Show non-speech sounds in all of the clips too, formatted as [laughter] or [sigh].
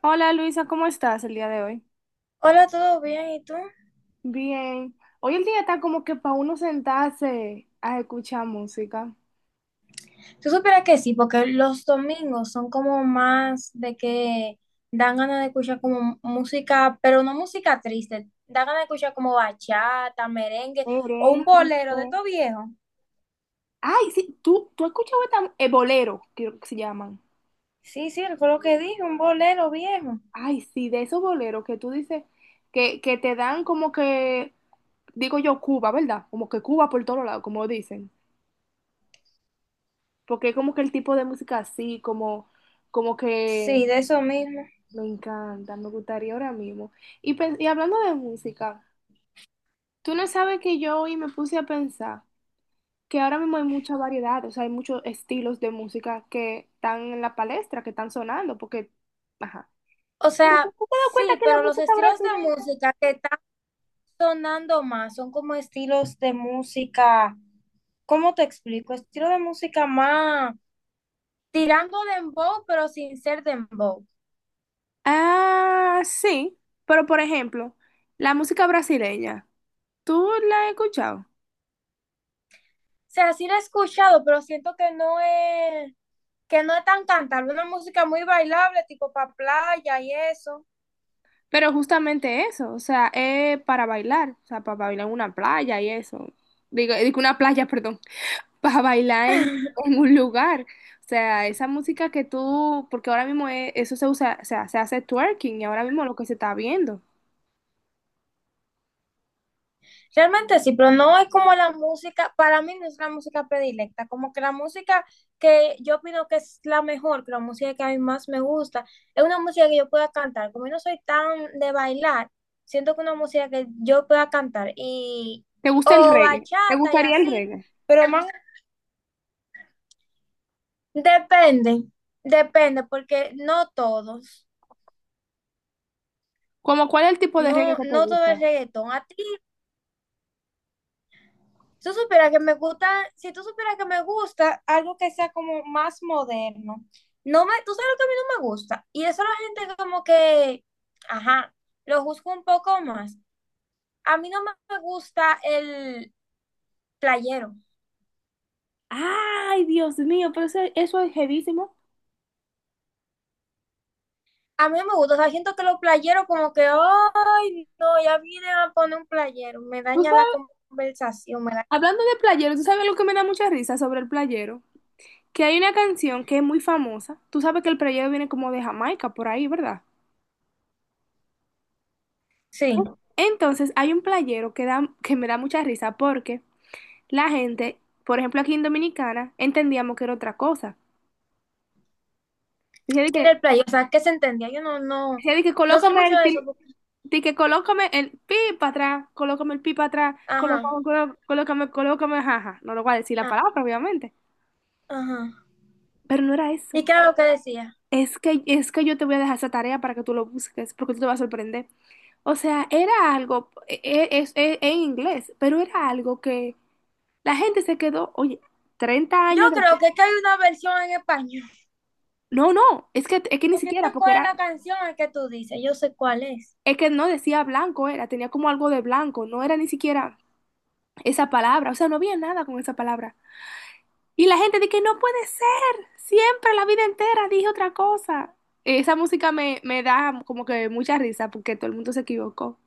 Hola Luisa, ¿cómo estás el día de hoy? Hola, ¿todo bien? ¿Y tú? Bien, hoy el día está como que para uno sentarse a escuchar música. Tú supieras que sí, porque los domingos son como más de que dan ganas de escuchar como música, pero no música triste, dan ganas de escuchar como bachata, merengue o un Merengue. bolero de todo viejo. Ay, sí, tú has escuchado esta, bolero, creo que se llaman. Sí, sí, fue lo que dije, un bolero viejo. Ay, sí, de esos boleros que tú dices que te dan como que, digo yo, Cuba, ¿verdad? Como que Cuba por todos lados, como dicen. Porque es como que el tipo de música así, como, como Sí, que de eso mismo. me encanta, me gustaría ahora mismo. Y, y hablando de música. Tú no sabes que yo hoy me puse a pensar que ahora mismo hay mucha variedad, o sea, hay muchos estilos de música que están en la palestra, que están sonando, porque, ajá. O Pero sea, tú te das cuenta sí, que la pero los música estilos de brasileña... música que están sonando más son como estilos de música, ¿cómo te explico? Estilo de música más tirando dembow, pero sin ser dembow. O Ah, sí, pero por ejemplo, la música brasileña, ¿tú la has escuchado? sea, sí la he escuchado, pero siento que no es tan cantable, una música muy bailable, tipo para playa y eso. Pero justamente eso, o sea, es para bailar, o sea, para bailar en una playa y eso. Digo, digo una playa, perdón. Para bailar en [laughs] un lugar. O sea, esa música que tú, porque ahora mismo eso se usa, o sea, se hace twerking y ahora mismo lo que se está viendo. Realmente sí, pero no es como la música, para mí no es la música predilecta, como que la música que yo opino que es la mejor, que la música que a mí más me gusta, es una música que yo pueda cantar, como yo no soy tan de bailar, siento que una música que yo pueda cantar y ¿Te gusta el o reggae? ¿Te bachata y gustaría el así, reggae? pero más. Depende, depende, porque no todos, ¿Cómo cuál es el tipo de reggae no, que te no todo el gusta? reggaetón. A ti, si tú supieras que me gusta, si tú supieras que me gusta algo que sea como más moderno, no me, tú sabes lo que a mí no me gusta, y eso la gente como que, ajá, lo juzga un poco más. A mí no me gusta el playero, Ay, Dios mío, pero eso es heavísimo. a mí no me gusta, o sea, siento que los playeros como que, ay, no, ya vienen a poner un playero, me Tú daña la sabes, conversación, me da, hablando de playero, tú sabes lo que me da mucha risa sobre el playero, que hay una canción que es muy famosa. Tú sabes que el playero viene como de Jamaica, por ahí, ¿verdad? sí. Entonces hay un playero que da, que me da mucha risa porque la gente, por ejemplo, aquí en Dominicana, entendíamos que era otra cosa. Decía de Que era que, el play, o sea, que se entendía. Yo no, no, decía de que no sé colócame mucho el de eso, porque de que colócame el pi para atrás, colócame el pi para atrás, Ajá, colócame, colócame, colócame, jaja. No lo voy a decir la ah, palabra, obviamente. ajá. Pero no era ¿Y eso. qué era lo que decía? Es que yo te voy a dejar esa tarea para que tú lo busques, porque tú te vas a sorprender. O sea, era algo, es en inglés, pero era algo que la gente se quedó, oye, 30 Yo años creo después. que hay una versión en español, No, no, es que ni porque yo siquiera, sé porque cuál es era, la canción que tú dices, yo sé cuál es. es que no decía blanco, era, tenía como algo de blanco, no era ni siquiera esa palabra, o sea, no había nada con esa palabra. Y la gente de que no puede ser, siempre la vida entera dije otra cosa. Esa música me, me da como que mucha risa porque todo el mundo se equivocó.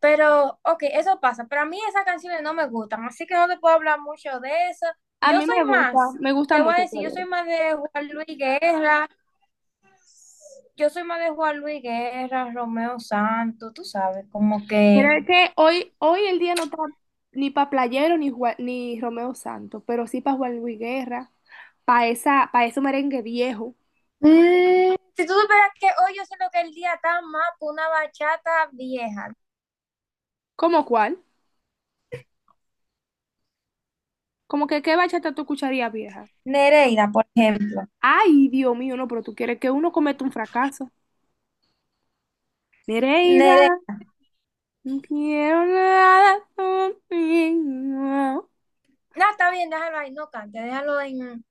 Pero, ok, eso pasa. Pero a mí esas canciones no me gustan, así que no te puedo hablar mucho de eso. A Yo mí soy más, me gusta te voy a mucho decir, yo Teodoro. soy más de Juan Luis Guerra, yo soy más de Juan Luis Guerra, Romeo Santos, tú sabes, como Pero que es que hoy, hoy el día no está ni para Playero ni, ni Romeo Santos, pero sí para Juan Luis Guerra, para esa, para ese merengue viejo. Si tú supieras que hoy yo siento que el día está más por una bachata vieja. ¿Cómo cuál? Como que qué bachata tú escucharías vieja. Nereida, por ejemplo. Ay, Dios mío, no, pero tú quieres que uno cometa un fracaso. Nereida, Nereida. no quiero nada contigo. No, está bien, déjalo ahí, no cante, déjalo en...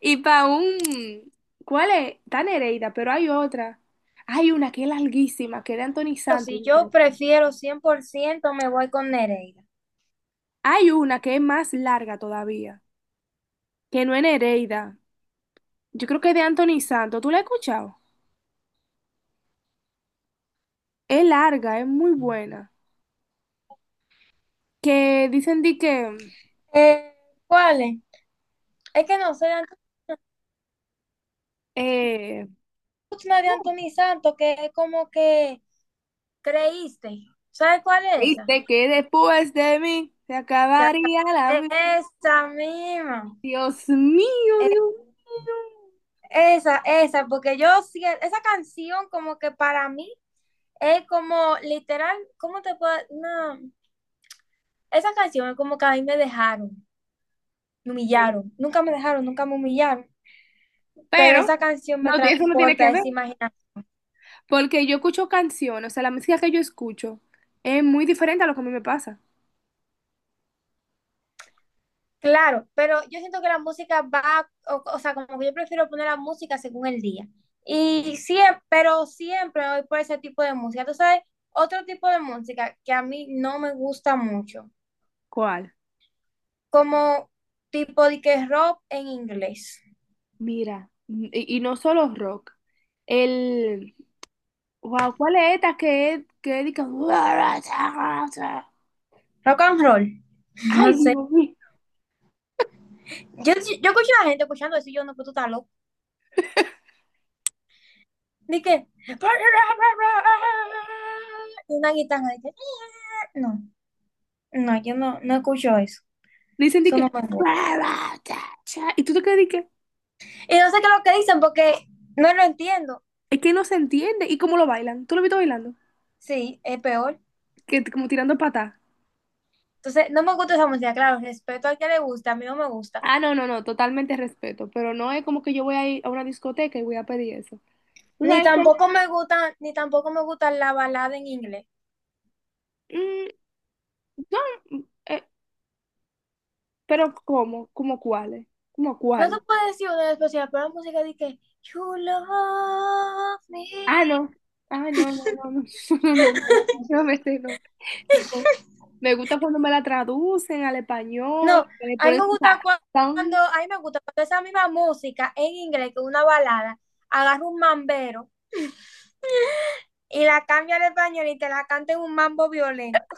Y para un... ¿Cuál es? Está Nereida, pero hay otra. Hay una que es larguísima, que es de Anthony Pero Santos, si yo yo creo. prefiero 100% me voy con Nereida. Hay una que es más larga todavía, que no es Nereida. Yo creo que es de Anthony Santos. ¿Tú la has escuchado? Es larga, es muy buena. Que dicen di que... Eh, ¿Cuál es? Es que no sé, la Eh, última de Anthony Santos, que es como que creíste. ¿Sabes cuál es esa? dice que después de mí se Te acabaría la acabé. vida. Esa misma. Dios mío, Eh, Dios mío. Esa, esa, porque yo siento, esa canción como que para mí es como, literal, ¿cómo te puedo...? No, esa canción es como que a mí me dejaron, me humillaron. Nunca me dejaron, nunca me humillaron. Pero Pero esa canción no, me eso no tiene transporta que a ver, esa imaginación. porque yo escucho canciones, o sea, la música que yo escucho es muy diferente a lo que a mí me pasa. Claro, pero yo siento que la música va, o sea, como que yo prefiero poner la música según el día. Y siempre, pero siempre voy por ese tipo de música. Tú sabes, otro tipo de música que a mí no me gusta mucho, ¿Cuál? como tipo de que rock en inglés, Mira, y no solo rock. El, wow, ¿cuál es esta que es rock and roll, [laughs] no ay, sé. Dios mío. Yo, sí, yo escucho a la gente escuchando eso y yo no, pero tú estás loco. ¿De qué? Y una guitarra, de que, "Ah, no, no, yo no, no escucho eso. Dicen de Eso no que, me gusta. y tú te quedas de que, Y no sé qué es lo que dicen porque no lo entiendo. es que no se entiende, y cómo lo bailan, tú lo viste bailando, Sí, es peor. que como tirando patas. Entonces, no me gusta esa música, claro, respeto al que le gusta, a mí no me gusta. Ah, no, no, no, totalmente respeto, pero no es como que yo voy a ir a una discoteca y voy a pedir eso. ¿Tú Ni sabes qué? tampoco me gusta, ni tampoco me gusta la balada en inglés. Mm, no, mm, eh, pero ¿cómo? ¿Cómo cuáles? ¿Cómo No te cuál? puedo decir una especial, pero si la música de que, you love me. Ah, no. Ah, no, no, no, no, [laughs] no, no, no, [laughs] no, vete, no, no. Me gusta cuando me la traducen al español, No, que le a mí ponen me su gusta cua- cuando, sazón, a mí me gusta cuando esa misma música en inglés, que es una balada, agarra un mambero y la cambia al español y te la canta en un mambo violento.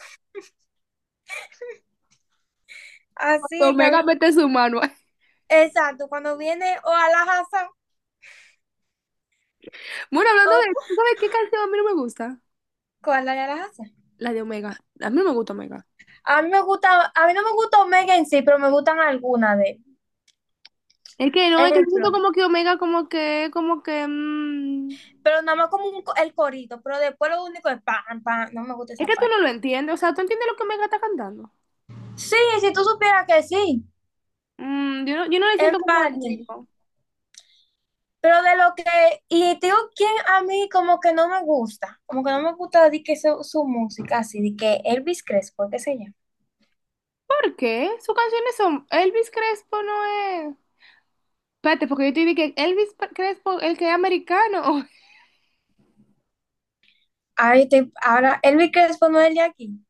Así cuando es que, a mí Omega mete su mano. [laughs] exacto, cuando viene o a la Hazán, Bueno, hablando o de, ¿tú sabes qué canción a mí no me gusta? ¿cuál era la Hazán? La de Omega. A mí no me gusta Omega. A mí me gusta, a mí no me gusta Omega en sí, pero me gustan algunas de él. Es que no, es que siento Ejemplo, como que Omega como que, mm, pero nada más como un co- el corito, pero después lo único es pam, pam, no me gusta es esa que tú parte. no lo entiendes, o sea, ¿tú entiendes lo que Omega está cantando? Sí, si tú supieras que sí, Mm, yo no, yo no le en siento como el parte. ritmo. Pero de lo que, y te digo quién a mí como que no me gusta, como que no me gusta de que su música, así, de que Elvis Crespo, qué sé yo. ¿Por qué? Sus canciones son Elvis Crespo no es. Espérate, porque yo te dije que Elvis Crespo, el que es americano, [laughs] Ahora, estoy- ahora, Elvis Crespo no es el de aquí,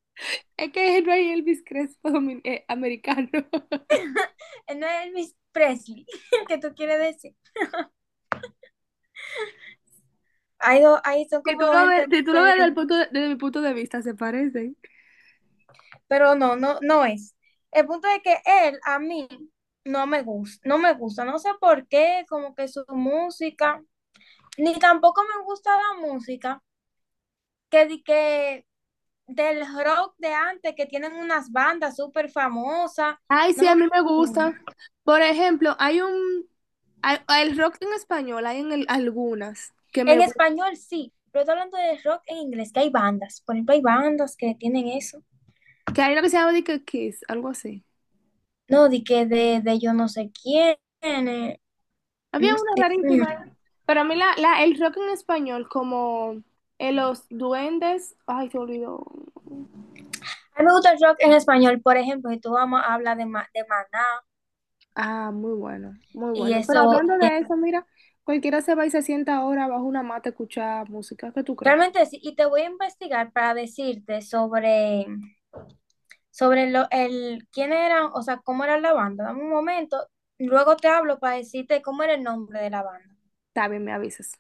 es que no hay Elvis Crespo americano. [laughs] él no es Elvis Presley, [laughs] que tú quieres decir. Ahí, do- ahí son Si como tú dos lo ves, gente si tú lo ves desde el diferente, desde mi punto de vista, se parecen. pero no, no, no es. El punto es que él a mí no me gusta, no me gusta, no sé por qué, como que su música, ni tampoco me gusta la música que, di que del rock de antes, que tienen unas bandas súper famosas. Ay, sí, a mí me gusta. Por ejemplo, hay un el rock en español, hay en algunas que me En gustan. español sí, pero estoy hablando de rock en inglés, que hay bandas. Por ejemplo, hay bandas que tienen eso. Que hay una que se llama de que Kiss, algo así. No, di que de yo no sé quién. eh, no, Había Dios una mío. rarísima ahí. Pero a mí la, la, el rock en español, como los duendes, ay, se olvidó. A mí me gusta el rock en español, por ejemplo, si tú vamos a hablar de, Ma- de Maná Ah, muy bueno, muy y bueno. Pero eso, hablando y de eso, mira, cualquiera se va y se sienta ahora bajo una mata a escuchar música. ¿Qué tú crees? realmente sí, y te voy a investigar para decirte sobre, sobre lo, el, quién era, o sea, cómo era la banda. Dame un momento, luego te hablo para decirte cómo era el nombre de la banda. Está bien, me avisas.